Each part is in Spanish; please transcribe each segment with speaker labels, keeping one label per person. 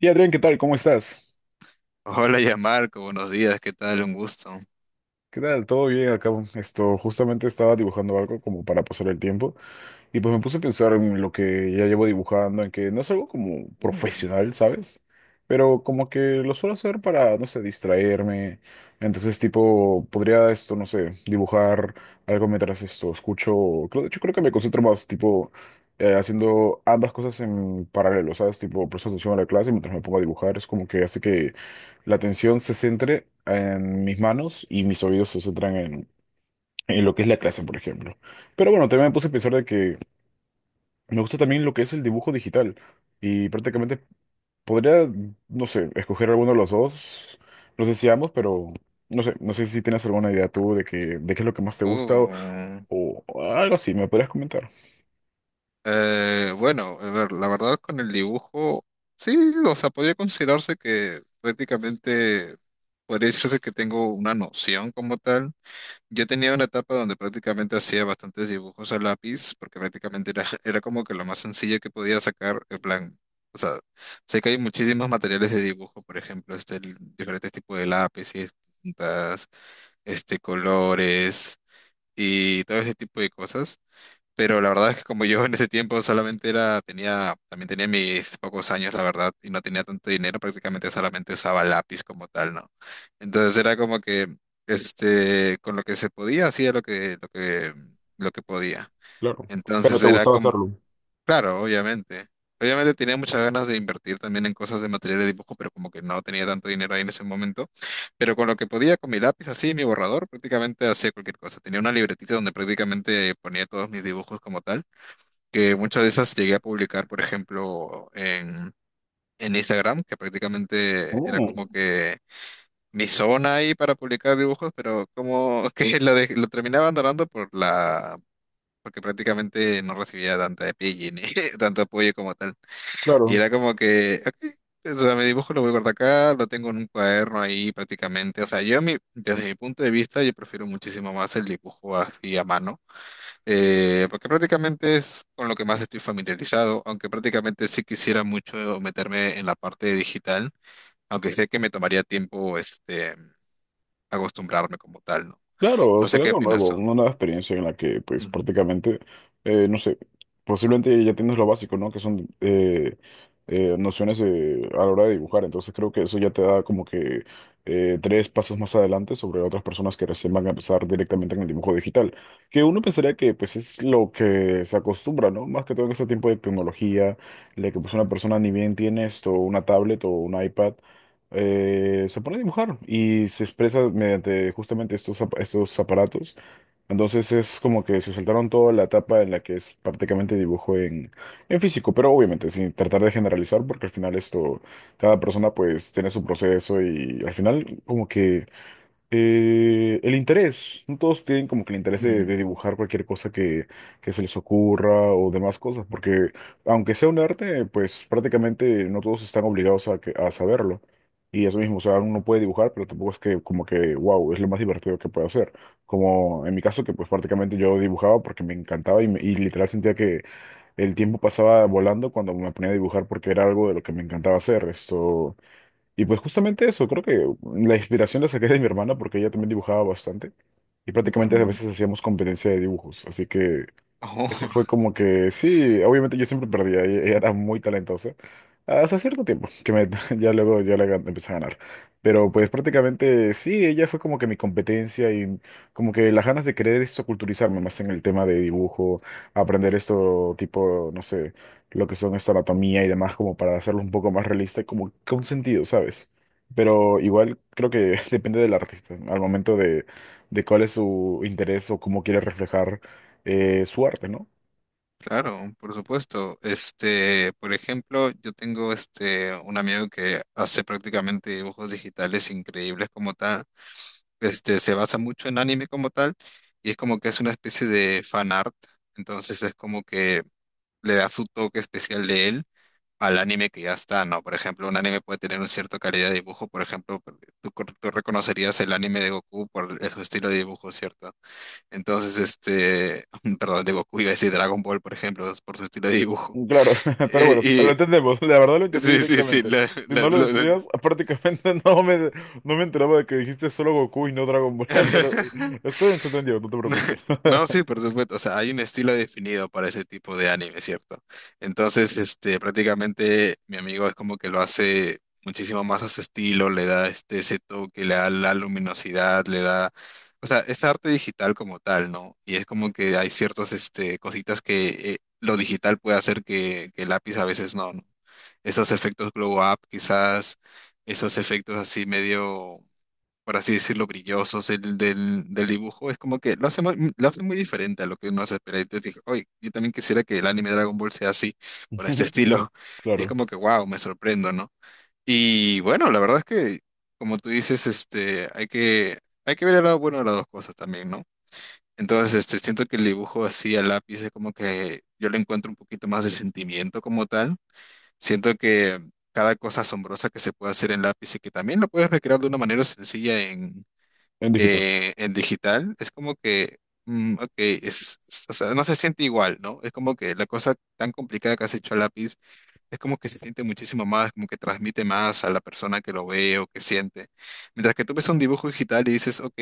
Speaker 1: Y Adrián, ¿qué tal? ¿Cómo estás?
Speaker 2: Hola, Marco, buenos días, ¿qué tal? Un gusto.
Speaker 1: ¿Qué tal? ¿Todo bien acá? Esto, justamente estaba dibujando algo como para pasar el tiempo. Y pues me puse a pensar en lo que ya llevo dibujando, en que no es algo como
Speaker 2: Uh,
Speaker 1: profesional, ¿sabes? Pero como que lo suelo hacer para, no sé, distraerme. Entonces, tipo, podría esto, no sé, dibujar algo mientras esto escucho. Creo, de hecho, creo que me concentro más, tipo, haciendo ambas cosas en paralelo, ¿sabes? Tipo, presto atención a la clase mientras me pongo a dibujar. Es como que hace que la atención se centre en mis manos y mis oídos se centran en lo que es la clase, por ejemplo. Pero bueno, también me puse a pensar de que me gusta también lo que es el dibujo digital y prácticamente podría, no sé, escoger alguno de los dos, no sé si ambos, pero no sé, no sé si tienes alguna idea tú de que, de qué es lo que más te gusta
Speaker 2: uh.
Speaker 1: o algo así, me podrías comentar.
Speaker 2: Bueno, a ver, la verdad con el dibujo, sí, o sea, podría considerarse que prácticamente, podría decirse que tengo una noción como tal. Yo tenía una etapa donde prácticamente hacía bastantes dibujos a lápiz, porque prácticamente era, era como que lo más sencillo que podía sacar, en plan, o sea, sé que hay muchísimos materiales de dibujo, por ejemplo, diferentes tipos de lápices, puntas. Colores y todo ese tipo de cosas. Pero la verdad es que como yo en ese tiempo solamente era, tenía, también tenía mis pocos años, la verdad, y no tenía tanto dinero, prácticamente solamente usaba lápiz como tal, ¿no? Entonces era como que, con lo que se podía, hacía lo que podía.
Speaker 1: Claro. Pero
Speaker 2: Entonces
Speaker 1: te
Speaker 2: era
Speaker 1: gustaba
Speaker 2: como,
Speaker 1: hacerlo.
Speaker 2: claro, obviamente. Obviamente tenía muchas ganas de invertir también en cosas de material de dibujo, pero como que no tenía tanto dinero ahí en ese momento. Pero con lo que podía, con mi lápiz así, mi borrador, prácticamente hacía cualquier cosa. Tenía una libretita donde prácticamente ponía todos mis dibujos como tal, que muchas de esas llegué a publicar, por ejemplo, en Instagram, que prácticamente era
Speaker 1: Oh,
Speaker 2: como que mi zona ahí para publicar dibujos, pero como que lo terminaba abandonando por la... porque prácticamente no recibía tanta apoyo, ni tanto apoyo como tal. Y
Speaker 1: claro.
Speaker 2: era como que, ok, o sea, mi dibujo lo voy a guardar acá, lo tengo en un cuaderno ahí prácticamente. O sea, desde mi punto de vista, yo prefiero muchísimo más el dibujo así a mano, porque prácticamente es con lo que más estoy familiarizado, aunque prácticamente sí quisiera mucho meterme en la parte digital, aunque sé que me tomaría tiempo acostumbrarme como tal, ¿no?
Speaker 1: Claro,
Speaker 2: No sé
Speaker 1: será
Speaker 2: qué
Speaker 1: algo
Speaker 2: opinas
Speaker 1: nuevo,
Speaker 2: tú.
Speaker 1: una nueva experiencia en la que, pues,
Speaker 2: Ujú.
Speaker 1: prácticamente, no sé, posiblemente ya tienes lo básico, ¿no? Que son nociones de- a la hora de dibujar. Entonces creo que eso ya te da como que tres pasos más adelante sobre otras personas que recién van a empezar directamente en el dibujo digital. Que uno pensaría que, pues, es lo que se acostumbra, ¿no? Más que todo en ese tiempo de tecnología, de que, pues, una persona ni bien tiene esto, una tablet o un iPad se pone a dibujar y se expresa mediante justamente estos, ap- estos aparatos. Entonces es como que se saltaron toda la etapa en la que es prácticamente dibujo en físico, pero obviamente sin tratar de generalizar porque al final esto, cada persona pues tiene su proceso y al final como que... el interés, no todos tienen como que el interés
Speaker 2: Ujú.
Speaker 1: de dibujar cualquier cosa que se les ocurra o demás cosas, porque aunque sea un arte, pues prácticamente no todos están obligados a, que- a saberlo. Y eso mismo, o sea, uno puede dibujar, pero tampoco es que como que, wow, es lo más divertido que puede hacer. Como en mi caso, que pues prácticamente yo dibujaba porque me encantaba y, me- y literal sentía que el tiempo pasaba volando cuando me ponía a dibujar porque era algo de lo que me encantaba hacer. Esto... Y pues justamente eso, creo que la inspiración la saqué de mi hermana porque ella también dibujaba bastante y prácticamente a
Speaker 2: Mm.
Speaker 1: veces hacíamos competencia de dibujos, así que ese
Speaker 2: Oh,
Speaker 1: fue como que, sí, obviamente yo siempre perdía, ella era muy talentosa, hasta cierto tiempo, que me- ya luego yo le gan- empecé a ganar, pero pues prácticamente sí, ella fue como que mi competencia y como que las ganas de querer eso, culturizarme más en el tema de dibujo, aprender esto tipo, no sé, lo que son esta anatomía y demás, como para hacerlo un poco más realista y como con sentido, ¿sabes? Pero igual creo que depende del artista, al momento de cuál es su interés o cómo quiere reflejar su arte, ¿no?
Speaker 2: claro, por supuesto. Por ejemplo, yo tengo un amigo que hace prácticamente dibujos digitales increíbles como tal. Se basa mucho en anime como tal y es como que es una especie de fan art. Entonces es como que le da su toque especial de él al anime que ya está, ¿no? Por ejemplo, un anime puede tener una cierta calidad de dibujo. Por ejemplo, tú, tú reconocerías el anime de Goku por su estilo de dibujo, ¿cierto? Entonces, perdón, de Goku iba a decir Dragon Ball, por ejemplo, por su estilo de dibujo.
Speaker 1: Claro, pero bueno, lo
Speaker 2: Eh,
Speaker 1: entendemos, la verdad lo
Speaker 2: y
Speaker 1: entendí
Speaker 2: sí, sí, sí,
Speaker 1: directamente. Si no lo decías, prácticamente no me, no me enteraba de que dijiste solo Goku y no Dragon Ball, pero estoy bien, se entendió, no te preocupes.
Speaker 2: no, sí, por supuesto. O sea, hay un estilo definido para ese tipo de anime, ¿cierto? Entonces, prácticamente mi amigo es como que lo hace muchísimo más a su estilo, le da ese toque, le da la luminosidad, o sea, es arte digital como tal, ¿no? Y es como que hay ciertas, cositas que lo digital puede hacer que el lápiz a veces no, ¿no? Esos efectos glow up, quizás, esos efectos así medio, por así decirlo, brillosos del dibujo, es como que lo hace muy diferente a lo que uno hace. Pero entonces dije, oye, yo también quisiera que el anime Dragon Ball sea así, por este
Speaker 1: Ujú,
Speaker 2: estilo. Y es
Speaker 1: claro,
Speaker 2: como que, wow, me sorprendo, ¿no? Y bueno, la verdad es que, como tú dices, hay que ver el lado bueno de las dos cosas también, ¿no? Entonces, siento que el dibujo así a lápiz es como que yo le encuentro un poquito más de sentimiento como tal. Siento que cada cosa asombrosa que se puede hacer en lápiz y que también lo puedes recrear de una manera sencilla
Speaker 1: en digital.
Speaker 2: en digital, es como que, mm, ok, o sea, no se siente igual, ¿no? Es como que la cosa tan complicada que has hecho a lápiz, es como que se siente muchísimo más, como que transmite más a la persona que lo ve o que siente. Mientras que tú ves un dibujo digital y dices, ok,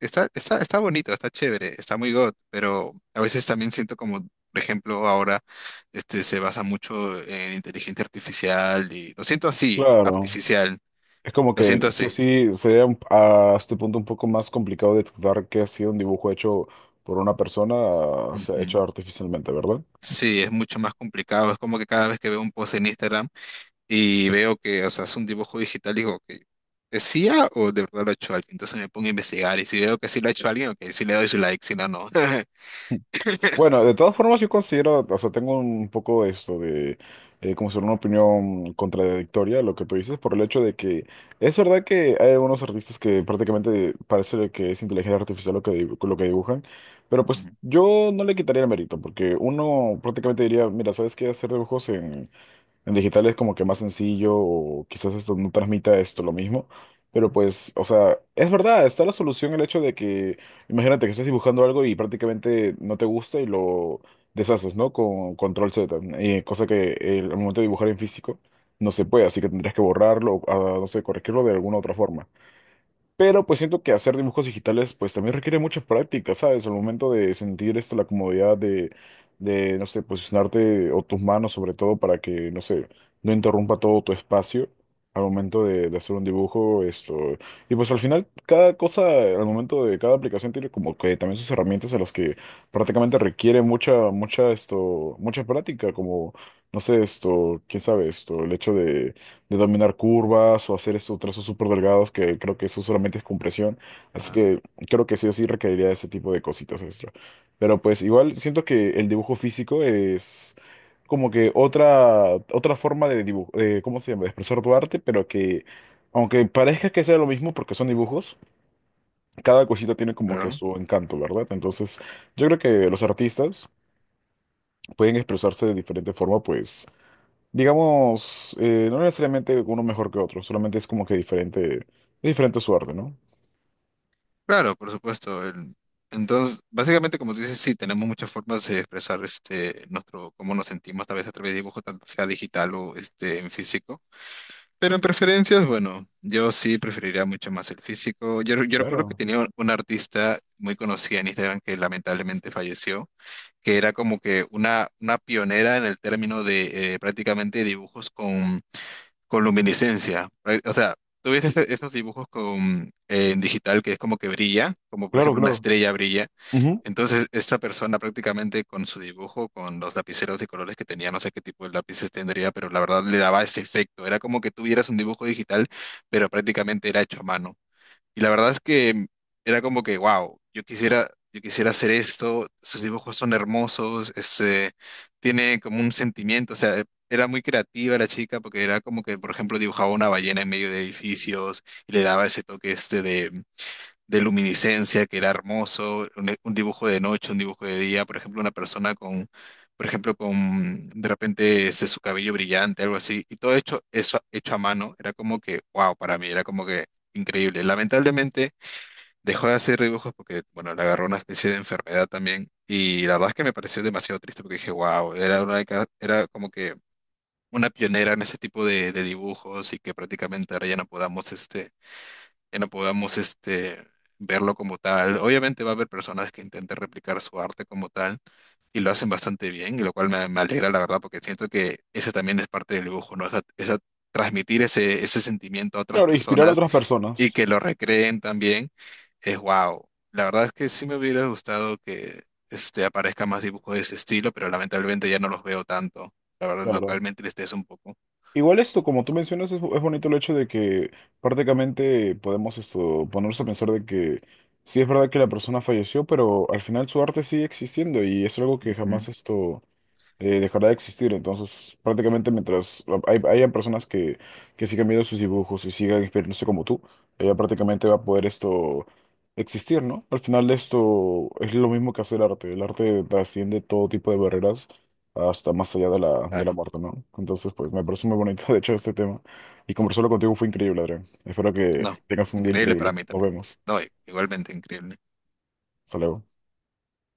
Speaker 2: está bonito, está chévere, está muy god, pero a veces también siento como, por ejemplo, ahora se basa mucho en inteligencia artificial y lo siento así,
Speaker 1: Claro,
Speaker 2: artificial,
Speaker 1: es como
Speaker 2: lo
Speaker 1: que
Speaker 2: siento
Speaker 1: sí o
Speaker 2: así.
Speaker 1: sí sería un- a este punto un poco más complicado detectar que ha sido un dibujo hecho por una persona, o sea, hecho artificialmente, ¿verdad?
Speaker 2: Sí, es mucho más complicado. Es como que cada vez que veo un post en Instagram y veo que, o sea, es un dibujo digital, digo que ¿es IA o de verdad lo ha hecho alguien? Entonces me pongo a investigar y si veo que sí lo ha hecho alguien, ok, sí le doy su like, si no, no.
Speaker 1: Bueno, de todas formas yo considero, o sea, tengo un poco de esto de, como ser una opinión contradictoria a lo que tú dices, por el hecho de que es verdad que hay algunos artistas que prácticamente parece que es inteligencia artificial lo que, dibu- lo que dibujan, pero pues yo no le quitaría el mérito, porque uno prácticamente diría, mira, ¿sabes qué? Hacer dibujos en digital es como que más sencillo, o quizás esto no transmita esto lo mismo, pero pues, o sea, es verdad, está la solución el hecho de que, imagínate que estás dibujando algo y prácticamente no te gusta y lo deshaces, ¿no? Con control Z, cosa que al momento de dibujar en físico no se puede, así que tendrías que borrarlo, o, ah, no sé, corregirlo de alguna otra forma. Pero pues siento que hacer dibujos digitales pues también requiere mucha práctica, ¿sabes? Al momento de sentir esto, la comodidad de, no sé, posicionarte o tus manos sobre todo para que, no sé, no interrumpa todo tu espacio al momento de hacer un dibujo, esto. Y pues al final cada cosa, al momento de cada aplicación tiene como que también sus herramientas en las que prácticamente requiere esto, mucha práctica, como, no sé, esto, quién sabe, esto, el hecho de dominar curvas o hacer esos trazos súper delgados que creo que eso solamente es compresión. Así
Speaker 2: Claro,
Speaker 1: que creo que sí o sí requeriría de ese tipo de cositas extra. Pero pues igual siento que el dibujo físico es como que otra, otra forma de dibujo, de, ¿cómo se llama? De expresar tu arte, pero que aunque parezca que sea lo mismo porque son dibujos, cada cosita tiene como que
Speaker 2: claro,
Speaker 1: su encanto, ¿verdad? Entonces yo creo que los artistas pueden expresarse de diferente forma, pues digamos, no necesariamente uno mejor que otro, solamente es como que diferente, de diferente suerte, ¿no?
Speaker 2: claro, por supuesto. Entonces, básicamente, como tú dices, sí, tenemos muchas formas de expresar nuestro cómo nos sentimos, tal vez a través de dibujo, tanto sea digital o en físico. Pero en preferencias, bueno, yo sí preferiría mucho más el físico. Yo recuerdo que
Speaker 1: Claro,
Speaker 2: tenía una artista muy conocida en Instagram que lamentablemente falleció, que era como que una pionera en el término de prácticamente dibujos con luminiscencia. O sea, tú ves esos dibujos con, en digital que es como que brilla, como por
Speaker 1: claro,
Speaker 2: ejemplo una
Speaker 1: claro.
Speaker 2: estrella brilla.
Speaker 1: Ujú.
Speaker 2: Entonces, esta persona prácticamente con su dibujo, con los lapiceros de colores que tenía, no sé qué tipo de lápices tendría, pero la verdad le daba ese efecto. Era como que tuvieras un dibujo digital, pero prácticamente era hecho a mano. Y la verdad es que era como que, wow, yo quisiera hacer esto, sus dibujos son hermosos, tiene como un sentimiento, o sea, era muy creativa la chica porque era como que, por ejemplo, dibujaba una ballena en medio de edificios y le daba ese toque este de luminiscencia, que era hermoso, un dibujo de noche, un dibujo de día, por ejemplo, una persona con, por ejemplo, con de repente ese su cabello brillante, algo así, y todo hecho, eso hecho a mano, era como que, wow, para mí, era como que increíble. Lamentablemente dejó de hacer dibujos porque, bueno, le agarró una especie de enfermedad también, y la verdad es que me pareció demasiado triste porque dije, wow, era como que una pionera en ese tipo de dibujos y que prácticamente ahora ya no podamos que no podamos este, verlo como tal. Obviamente va a haber personas que intenten replicar su arte como tal y lo hacen bastante bien, y lo cual me alegra la verdad porque siento que ese también es parte del dibujo, ¿no? Transmitir ese sentimiento a otras
Speaker 1: Claro, inspirar a
Speaker 2: personas
Speaker 1: otras
Speaker 2: y
Speaker 1: personas,
Speaker 2: que lo recreen también es wow. La verdad es que sí me hubiera gustado que aparezca más dibujos de ese estilo, pero lamentablemente ya no los veo tanto. La verdad,
Speaker 1: claro.
Speaker 2: localmente les es un poco.
Speaker 1: Igual esto, como tú mencionas, es bonito el hecho de que prácticamente podemos esto, ponerse a pensar de que sí es verdad que la persona falleció, pero al final su arte sigue existiendo y es algo que
Speaker 2: Ujú.
Speaker 1: jamás esto dejará de existir. Entonces, prácticamente mientras ah, hay, hayan personas que sigan viendo sus dibujos y sigan inspirándose como tú, ella prácticamente va a poder esto existir, ¿no? Al final esto es lo mismo que hacer arte. El arte trasciende todo tipo de barreras hasta más allá de la
Speaker 2: Claro,
Speaker 1: muerte, ¿no? Entonces, pues me parece muy bonito, de hecho, este tema. Y conversarlo contigo fue increíble, Adrián. Espero que
Speaker 2: no,
Speaker 1: tengas un día
Speaker 2: increíble para
Speaker 1: increíble.
Speaker 2: mí
Speaker 1: Nos
Speaker 2: también.
Speaker 1: vemos.
Speaker 2: No, igualmente increíble.
Speaker 1: Hasta luego.